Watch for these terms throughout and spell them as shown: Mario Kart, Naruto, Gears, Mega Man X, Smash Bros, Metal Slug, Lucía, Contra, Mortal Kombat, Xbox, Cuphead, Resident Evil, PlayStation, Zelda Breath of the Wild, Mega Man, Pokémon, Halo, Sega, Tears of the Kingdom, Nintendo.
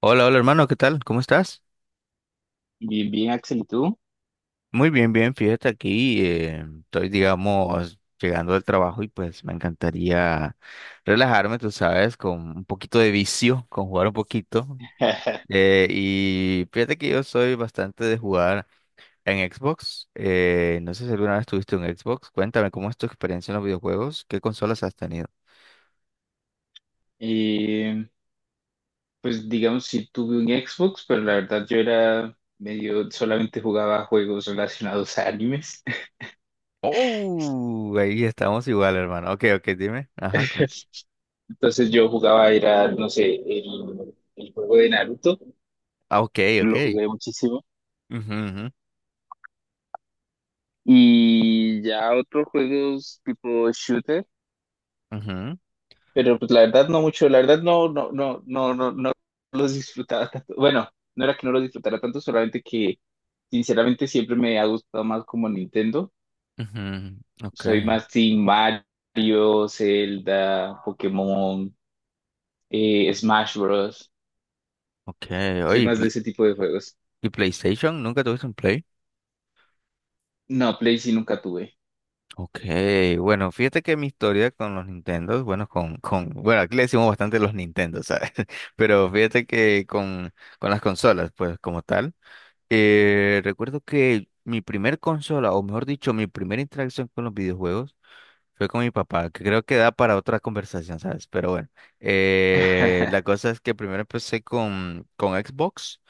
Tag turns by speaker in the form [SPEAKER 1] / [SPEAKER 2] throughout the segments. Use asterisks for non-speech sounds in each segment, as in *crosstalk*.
[SPEAKER 1] Hola, hola hermano, ¿qué tal? ¿Cómo estás?
[SPEAKER 2] Bien, bien, Axel, ¿y tú?
[SPEAKER 1] Muy bien, bien, fíjate aquí, estoy, digamos, llegando del trabajo y pues me encantaría relajarme, tú sabes, con un poquito de vicio, con jugar un poquito.
[SPEAKER 2] *laughs*
[SPEAKER 1] Y fíjate que yo soy bastante de jugar en Xbox. No sé si alguna vez tuviste un Xbox. Cuéntame, ¿cómo es tu experiencia en los videojuegos? ¿Qué consolas has tenido?
[SPEAKER 2] Eh, pues digamos, si tuve un Xbox, pero la verdad yo era medio, solamente jugaba juegos relacionados a animes.
[SPEAKER 1] Oh, ahí estamos igual, hermano. Ok, ok, dime. Ajá, cuéntame.
[SPEAKER 2] *laughs* Entonces yo jugaba, era, no sé, el juego de Naruto,
[SPEAKER 1] Ah, ok,
[SPEAKER 2] lo
[SPEAKER 1] ok.
[SPEAKER 2] jugué muchísimo.
[SPEAKER 1] Ujú, ujú,
[SPEAKER 2] Y ya otros juegos tipo shooter,
[SPEAKER 1] ujú.
[SPEAKER 2] pero pues la verdad no mucho, la verdad no, no, no, no, no, no los disfrutaba tanto. Bueno, no era que no los disfrutara tanto, solamente que sinceramente siempre me ha gustado más como Nintendo.
[SPEAKER 1] Ujú,
[SPEAKER 2] Soy
[SPEAKER 1] okay,
[SPEAKER 2] más Team Mario, Zelda, Pokémon, Smash Bros.
[SPEAKER 1] okay. Oye,
[SPEAKER 2] Soy más de ese tipo de juegos.
[SPEAKER 1] ¿Y PlayStation? ¿Nunca tuviste un Play?
[SPEAKER 2] No, Play sí nunca tuve.
[SPEAKER 1] Okay, bueno, fíjate que mi historia con los Nintendo, bueno, bueno, aquí le decimos bastante los Nintendo, ¿sabes? *laughs* Pero fíjate que con las consolas, pues, como tal, recuerdo que mi primer consola, o mejor dicho, mi primera interacción con los videojuegos fue con mi papá, que creo que da para otra conversación, ¿sabes? Pero bueno, la
[SPEAKER 2] *laughs*
[SPEAKER 1] cosa es que primero empecé con Xbox.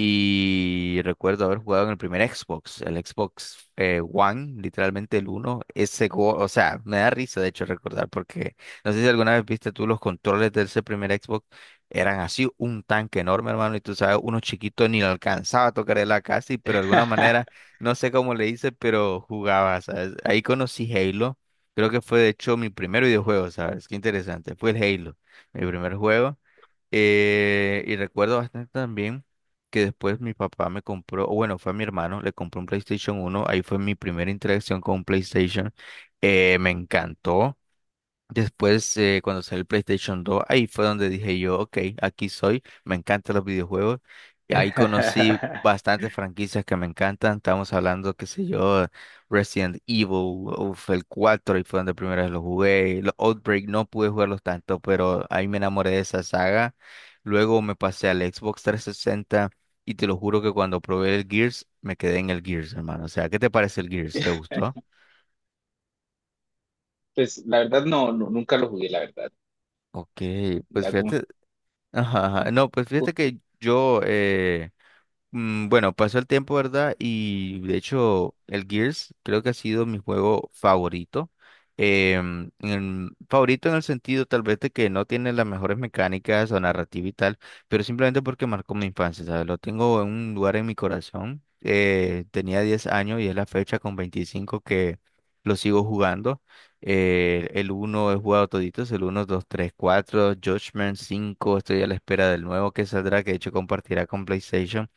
[SPEAKER 1] Y recuerdo haber jugado en el primer Xbox, el Xbox One, literalmente el uno. Ese juego, o sea, me da risa de hecho recordar, porque no sé si alguna vez viste tú los controles de ese primer Xbox, eran así un tanque enorme, hermano, y tú sabes, uno chiquito ni lo alcanzaba a tocar la casi, pero de alguna manera, no sé cómo le hice, pero jugaba, ¿sabes? Ahí conocí Halo, creo que fue de hecho mi primer videojuego, ¿sabes? Qué interesante, fue el Halo, mi primer juego. Y recuerdo bastante también que después mi papá me compró, o bueno, fue a mi hermano, le compró un PlayStation uno. Ahí fue mi primera interacción con un PlayStation, me encantó. Después, cuando salió el PlayStation 2, ahí fue donde dije yo, ok, aquí soy, me encantan los videojuegos. Y ahí conocí bastantes franquicias que me encantan. Estamos hablando, qué sé yo, Resident Evil, uf, el 4 y fue donde primera vez lo jugué. Los Outbreak no pude jugarlos tanto, pero ahí me enamoré de esa saga. Luego me pasé al Xbox 360 y te lo juro que cuando probé el Gears, me quedé en el Gears, hermano. O sea, ¿qué te parece el Gears? ¿Te gustó?
[SPEAKER 2] Pues la verdad no, no, nunca lo jugué, la verdad.
[SPEAKER 1] Ok, pues
[SPEAKER 2] Ya como-
[SPEAKER 1] fíjate. Ajá, ajá. No, pues fíjate que yo, bueno, pasó el tiempo, ¿verdad? Y de hecho, el Gears creo que ha sido mi juego favorito. Favorito en el sentido tal vez de que no tiene las mejores mecánicas o narrativa y tal, pero simplemente porque marcó mi infancia, ¿sabes? Lo tengo en un lugar en mi corazón. Tenía 10 años y es la fecha con 25 que lo sigo jugando. El uno he jugado toditos, el uno 2 3 4 Judgment cinco. Estoy a la espera del nuevo que saldrá, que de hecho compartirá con PlayStation.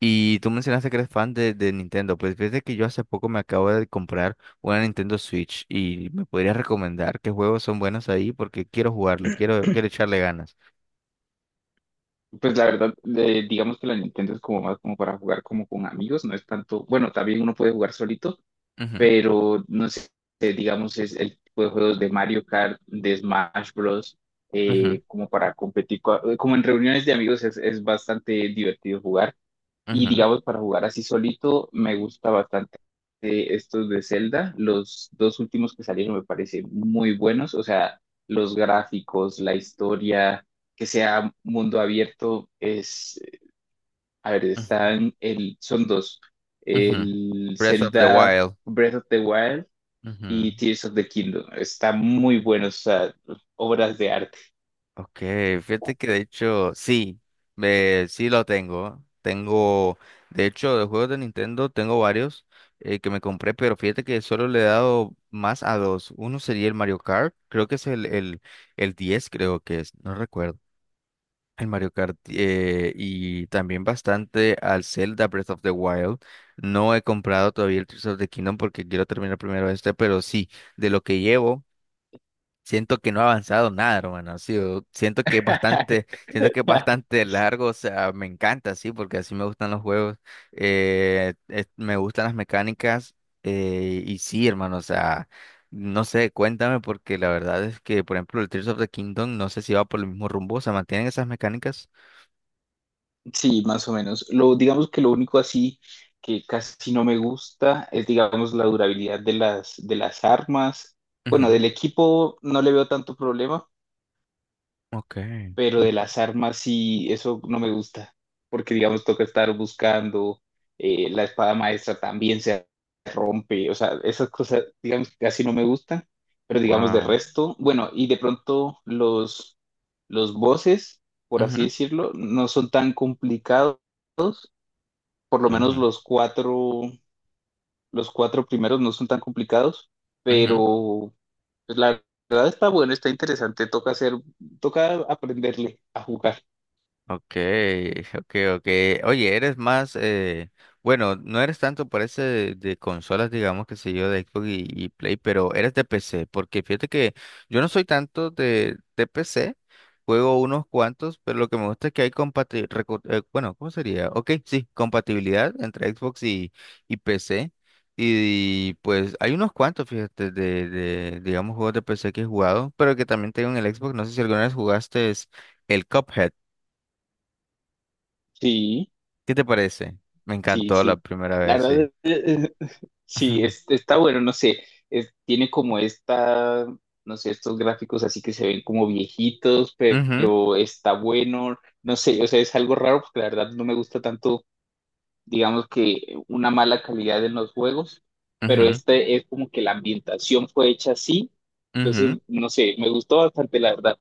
[SPEAKER 1] Y tú mencionaste que eres fan de Nintendo, pues fíjate que yo hace poco me acabo de comprar una Nintendo Switch y me podrías recomendar qué juegos son buenos ahí porque quiero jugarlo, quiero echarle ganas.
[SPEAKER 2] pues la verdad, digamos que la Nintendo es como más como para jugar como con amigos, no es tanto, bueno, también uno puede jugar solito,
[SPEAKER 1] Ujú,
[SPEAKER 2] pero no sé, digamos, es el tipo de juegos de Mario Kart, de Smash Bros.
[SPEAKER 1] ujú,
[SPEAKER 2] Como para competir, co- como en reuniones de amigos es bastante divertido jugar. Y
[SPEAKER 1] ujú,
[SPEAKER 2] digamos, para jugar así solito, me gusta bastante estos de Zelda. Los dos últimos que salieron me parecen muy buenos. O sea, los gráficos, la historia, que sea mundo abierto, es, a ver,
[SPEAKER 1] ujú,
[SPEAKER 2] están, el, son dos.
[SPEAKER 1] ujú.
[SPEAKER 2] El
[SPEAKER 1] Breath of the
[SPEAKER 2] Zelda
[SPEAKER 1] Wild.
[SPEAKER 2] Breath of the Wild y Tears of the Kingdom. Está muy bueno, o sea, obras de arte.
[SPEAKER 1] Ok, fíjate que de hecho, sí, sí lo tengo. Tengo, de hecho, de juegos de Nintendo tengo varios que me compré, pero fíjate que solo le he dado más a dos. Uno sería el Mario Kart, creo que es el 10, creo que es, no recuerdo. El Mario Kart y también bastante al Zelda Breath of the Wild. No he comprado todavía el Tears of the Kingdom porque quiero terminar primero este, pero sí, de lo que llevo. Siento que no ha avanzado nada, hermano. Sí, siento que es bastante,
[SPEAKER 2] *laughs*
[SPEAKER 1] siento que es bastante largo. O sea, me encanta, sí, porque así me gustan los juegos. Me gustan las mecánicas. Y sí, hermano, o sea, no sé, cuéntame, porque la verdad es que, por ejemplo, el Tears of the Kingdom, no sé si va por el mismo rumbo. O sea, mantienen esas mecánicas.
[SPEAKER 2] Sí, más o menos. Lo, digamos que lo único así que casi no me gusta es, digamos, la durabilidad de las armas. Bueno,
[SPEAKER 1] Ujú,
[SPEAKER 2] del equipo no le veo tanto problema,
[SPEAKER 1] ok.
[SPEAKER 2] pero de las armas sí, eso no me gusta, porque digamos toca estar buscando, la espada maestra también se rompe, o sea, esas cosas, digamos, que casi no me gustan, pero digamos de
[SPEAKER 1] Wow.
[SPEAKER 2] resto, bueno, y de pronto los bosses, por así decirlo, no son tan complicados, por lo menos los cuatro primeros no son tan complicados,
[SPEAKER 1] Ok.
[SPEAKER 2] pero pues, la verdad está bueno, está interesante, toca hacer, toca aprenderle a jugar,
[SPEAKER 1] Okay, okay, okay. Oye, eres más, bueno, no eres tanto por ese de consolas, digamos, que sé yo, de Xbox y Play, pero eres de PC, porque fíjate que yo no soy tanto de PC, juego unos cuantos, pero lo que me gusta es que hay compatibilidad, bueno, ¿cómo sería? Ok, sí, compatibilidad entre Xbox y PC. Y, pues hay unos cuantos, fíjate, digamos, juegos de PC que he jugado, pero que también tengo en el Xbox. No sé si alguna vez jugaste es el Cuphead.
[SPEAKER 2] sí.
[SPEAKER 1] ¿Qué te parece? Me
[SPEAKER 2] Sí,
[SPEAKER 1] encantó la
[SPEAKER 2] sí,
[SPEAKER 1] primera
[SPEAKER 2] la
[SPEAKER 1] vez, sí.
[SPEAKER 2] verdad, *laughs* sí, es-
[SPEAKER 1] *laughs*
[SPEAKER 2] está bueno, no sé, es- tiene como esta, no sé, estos gráficos así que se ven como viejitos, pe-
[SPEAKER 1] Ujú,
[SPEAKER 2] pero está bueno, no sé, o sea, es algo raro porque la verdad no me gusta tanto, digamos que una mala calidad en los juegos, pero
[SPEAKER 1] ujú,
[SPEAKER 2] este es como que la ambientación fue hecha así, entonces,
[SPEAKER 1] ujú.
[SPEAKER 2] no sé, me gustó bastante, la verdad,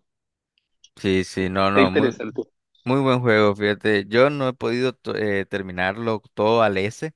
[SPEAKER 1] Sí, sí, no,
[SPEAKER 2] está
[SPEAKER 1] no, muy
[SPEAKER 2] interesante.
[SPEAKER 1] muy buen juego, fíjate. Yo no he podido terminarlo todo al S.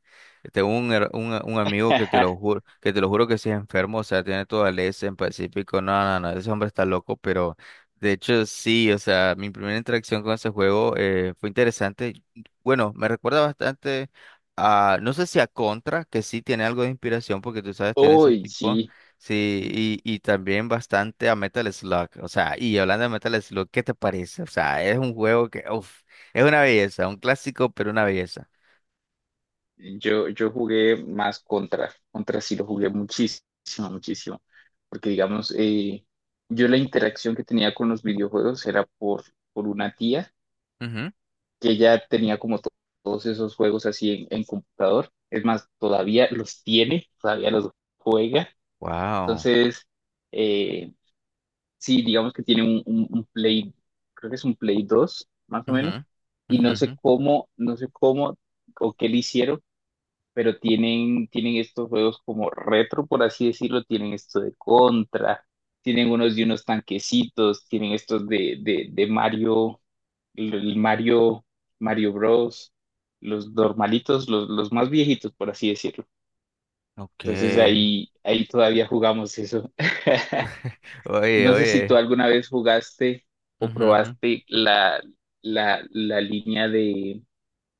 [SPEAKER 1] Tengo un amigo que te
[SPEAKER 2] *laughs*
[SPEAKER 1] lo juro, que te lo juro que sí es enfermo, o sea, tiene todo al S en Pacífico. No, no, no, ese hombre está loco, pero de hecho sí, o sea, mi primera interacción con ese juego fue interesante. Bueno, me recuerda bastante a, no sé si a Contra, que sí tiene algo de inspiración, porque tú sabes, tiene ese
[SPEAKER 2] Uy,
[SPEAKER 1] tipo.
[SPEAKER 2] sí.
[SPEAKER 1] Sí, y también bastante a Metal Slug. O sea, y hablando de Metal Slug, ¿qué te parece? O sea, es un juego que, uff, es una belleza, un clásico, pero una belleza.
[SPEAKER 2] Yo jugué más contra, contra sí lo jugué muchísimo, muchísimo, porque digamos, yo la interacción que tenía con los videojuegos era por una tía
[SPEAKER 1] Ujú.
[SPEAKER 2] que ya tenía como to- todos esos juegos así en computador, es más, todavía los tiene, todavía los juega,
[SPEAKER 1] Wow.
[SPEAKER 2] entonces, eh, sí, digamos que tiene un Play, creo que es un Play 2 más o menos,
[SPEAKER 1] Ujú,
[SPEAKER 2] y
[SPEAKER 1] ujú,
[SPEAKER 2] no
[SPEAKER 1] ujú.
[SPEAKER 2] sé cómo, no sé cómo o qué le hicieron pero tienen, tienen estos juegos como retro, por así decirlo, tienen esto de Contra, tienen unos de unos tanquecitos, tienen estos de Mario, el Mario, Mario Bros, los normalitos, los más viejitos, por así decirlo. Entonces
[SPEAKER 1] Ok.
[SPEAKER 2] ahí, ahí todavía jugamos eso. *laughs*
[SPEAKER 1] Oye,
[SPEAKER 2] No sé si tú
[SPEAKER 1] oye.
[SPEAKER 2] alguna vez jugaste o
[SPEAKER 1] Ujú, ujú.
[SPEAKER 2] probaste la, la, la línea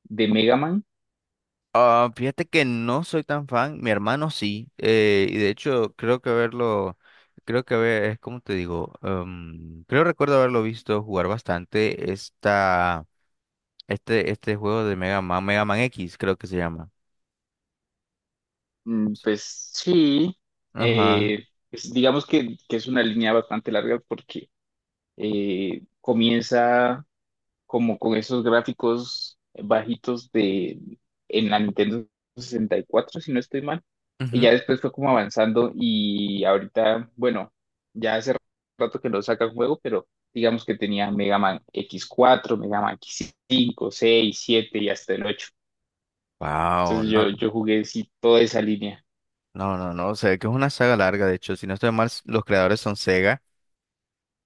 [SPEAKER 2] de Mega Man.
[SPEAKER 1] Ah, fíjate que no soy tan fan, mi hermano sí, y de hecho creo que verlo, creo que ver, es como te digo, creo recuerdo haberlo visto jugar bastante esta. Este juego de Mega Man, Mega Man X, creo que se llama.
[SPEAKER 2] Mm, pues sí,
[SPEAKER 1] Ajá.
[SPEAKER 2] pues digamos que es una línea bastante larga porque comienza como con esos gráficos bajitos de en la Nintendo 64 si no estoy mal, y
[SPEAKER 1] Ujú.
[SPEAKER 2] ya después fue como avanzando y ahorita, bueno, ya hace rato que no saca el juego, pero digamos que tenía Mega Man X4 Mega Man X5 6 7 y hasta el 8.
[SPEAKER 1] Wow,
[SPEAKER 2] Entonces
[SPEAKER 1] no,
[SPEAKER 2] yo jugué sí, toda esa línea.
[SPEAKER 1] no, no, no, o sea, que es una saga larga, de hecho, si no estoy mal, los creadores son Sega,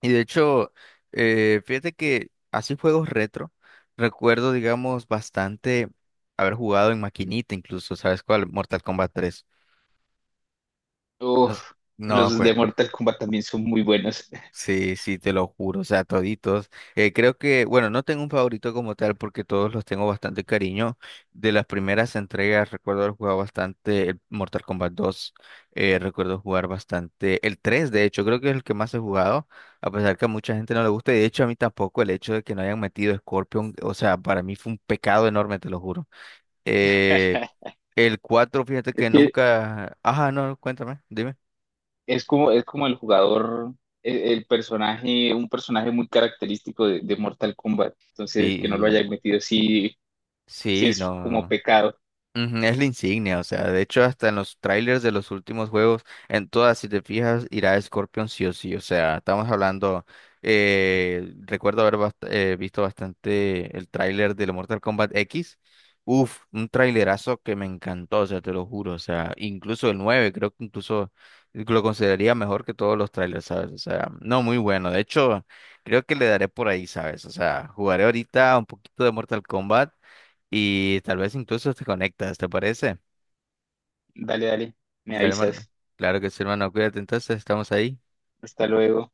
[SPEAKER 1] y de hecho, fíjate que así juegos retro, recuerdo, digamos, bastante haber jugado en maquinita, incluso, ¿sabes cuál? Mortal Kombat 3.
[SPEAKER 2] Uf,
[SPEAKER 1] No,
[SPEAKER 2] los de Mortal Kombat también son muy buenos.
[SPEAKER 1] sí, sí, te lo juro, o sea, toditos. Creo que, bueno, no tengo un favorito como tal porque todos los tengo bastante cariño. De las primeras entregas recuerdo haber jugado bastante el Mortal Kombat dos. Recuerdo jugar bastante el 3. De hecho, creo que es el que más he jugado, a pesar que a mucha gente no le gusta y de hecho a mí tampoco el hecho de que no hayan metido Scorpion, o sea, para mí fue un pecado enorme, te lo juro. Eh,
[SPEAKER 2] *laughs*
[SPEAKER 1] el 4, fíjate que
[SPEAKER 2] Es que
[SPEAKER 1] nunca... Ajá, no, cuéntame, dime.
[SPEAKER 2] es como el jugador, el personaje, un personaje muy característico de Mortal Kombat. Entonces, que no lo
[SPEAKER 1] Sí,
[SPEAKER 2] hayan metido, sí, sí
[SPEAKER 1] sí,
[SPEAKER 2] es como
[SPEAKER 1] no.
[SPEAKER 2] pecado.
[SPEAKER 1] Ujú, es la insignia, o sea, de hecho hasta en los trailers de los últimos juegos, en todas, si te fijas, irá Scorpion sí o sí, o sea, estamos hablando, recuerdo haber visto bastante el trailer del Mortal Kombat X, uf, un trailerazo que me encantó, o sea, te lo juro, o sea, incluso el 9 creo que incluso lo consideraría mejor que todos los trailers, ¿sabes? O sea, no, muy bueno, de hecho, creo que le daré por ahí, ¿sabes? O sea, jugaré ahorita un poquito de Mortal Kombat. Y tal vez incluso te conectas, ¿te parece?
[SPEAKER 2] Dale, dale, me
[SPEAKER 1] Dale, hermano.
[SPEAKER 2] avisas.
[SPEAKER 1] Claro que sí, hermano. Cuídate entonces, estamos ahí.
[SPEAKER 2] Hasta luego.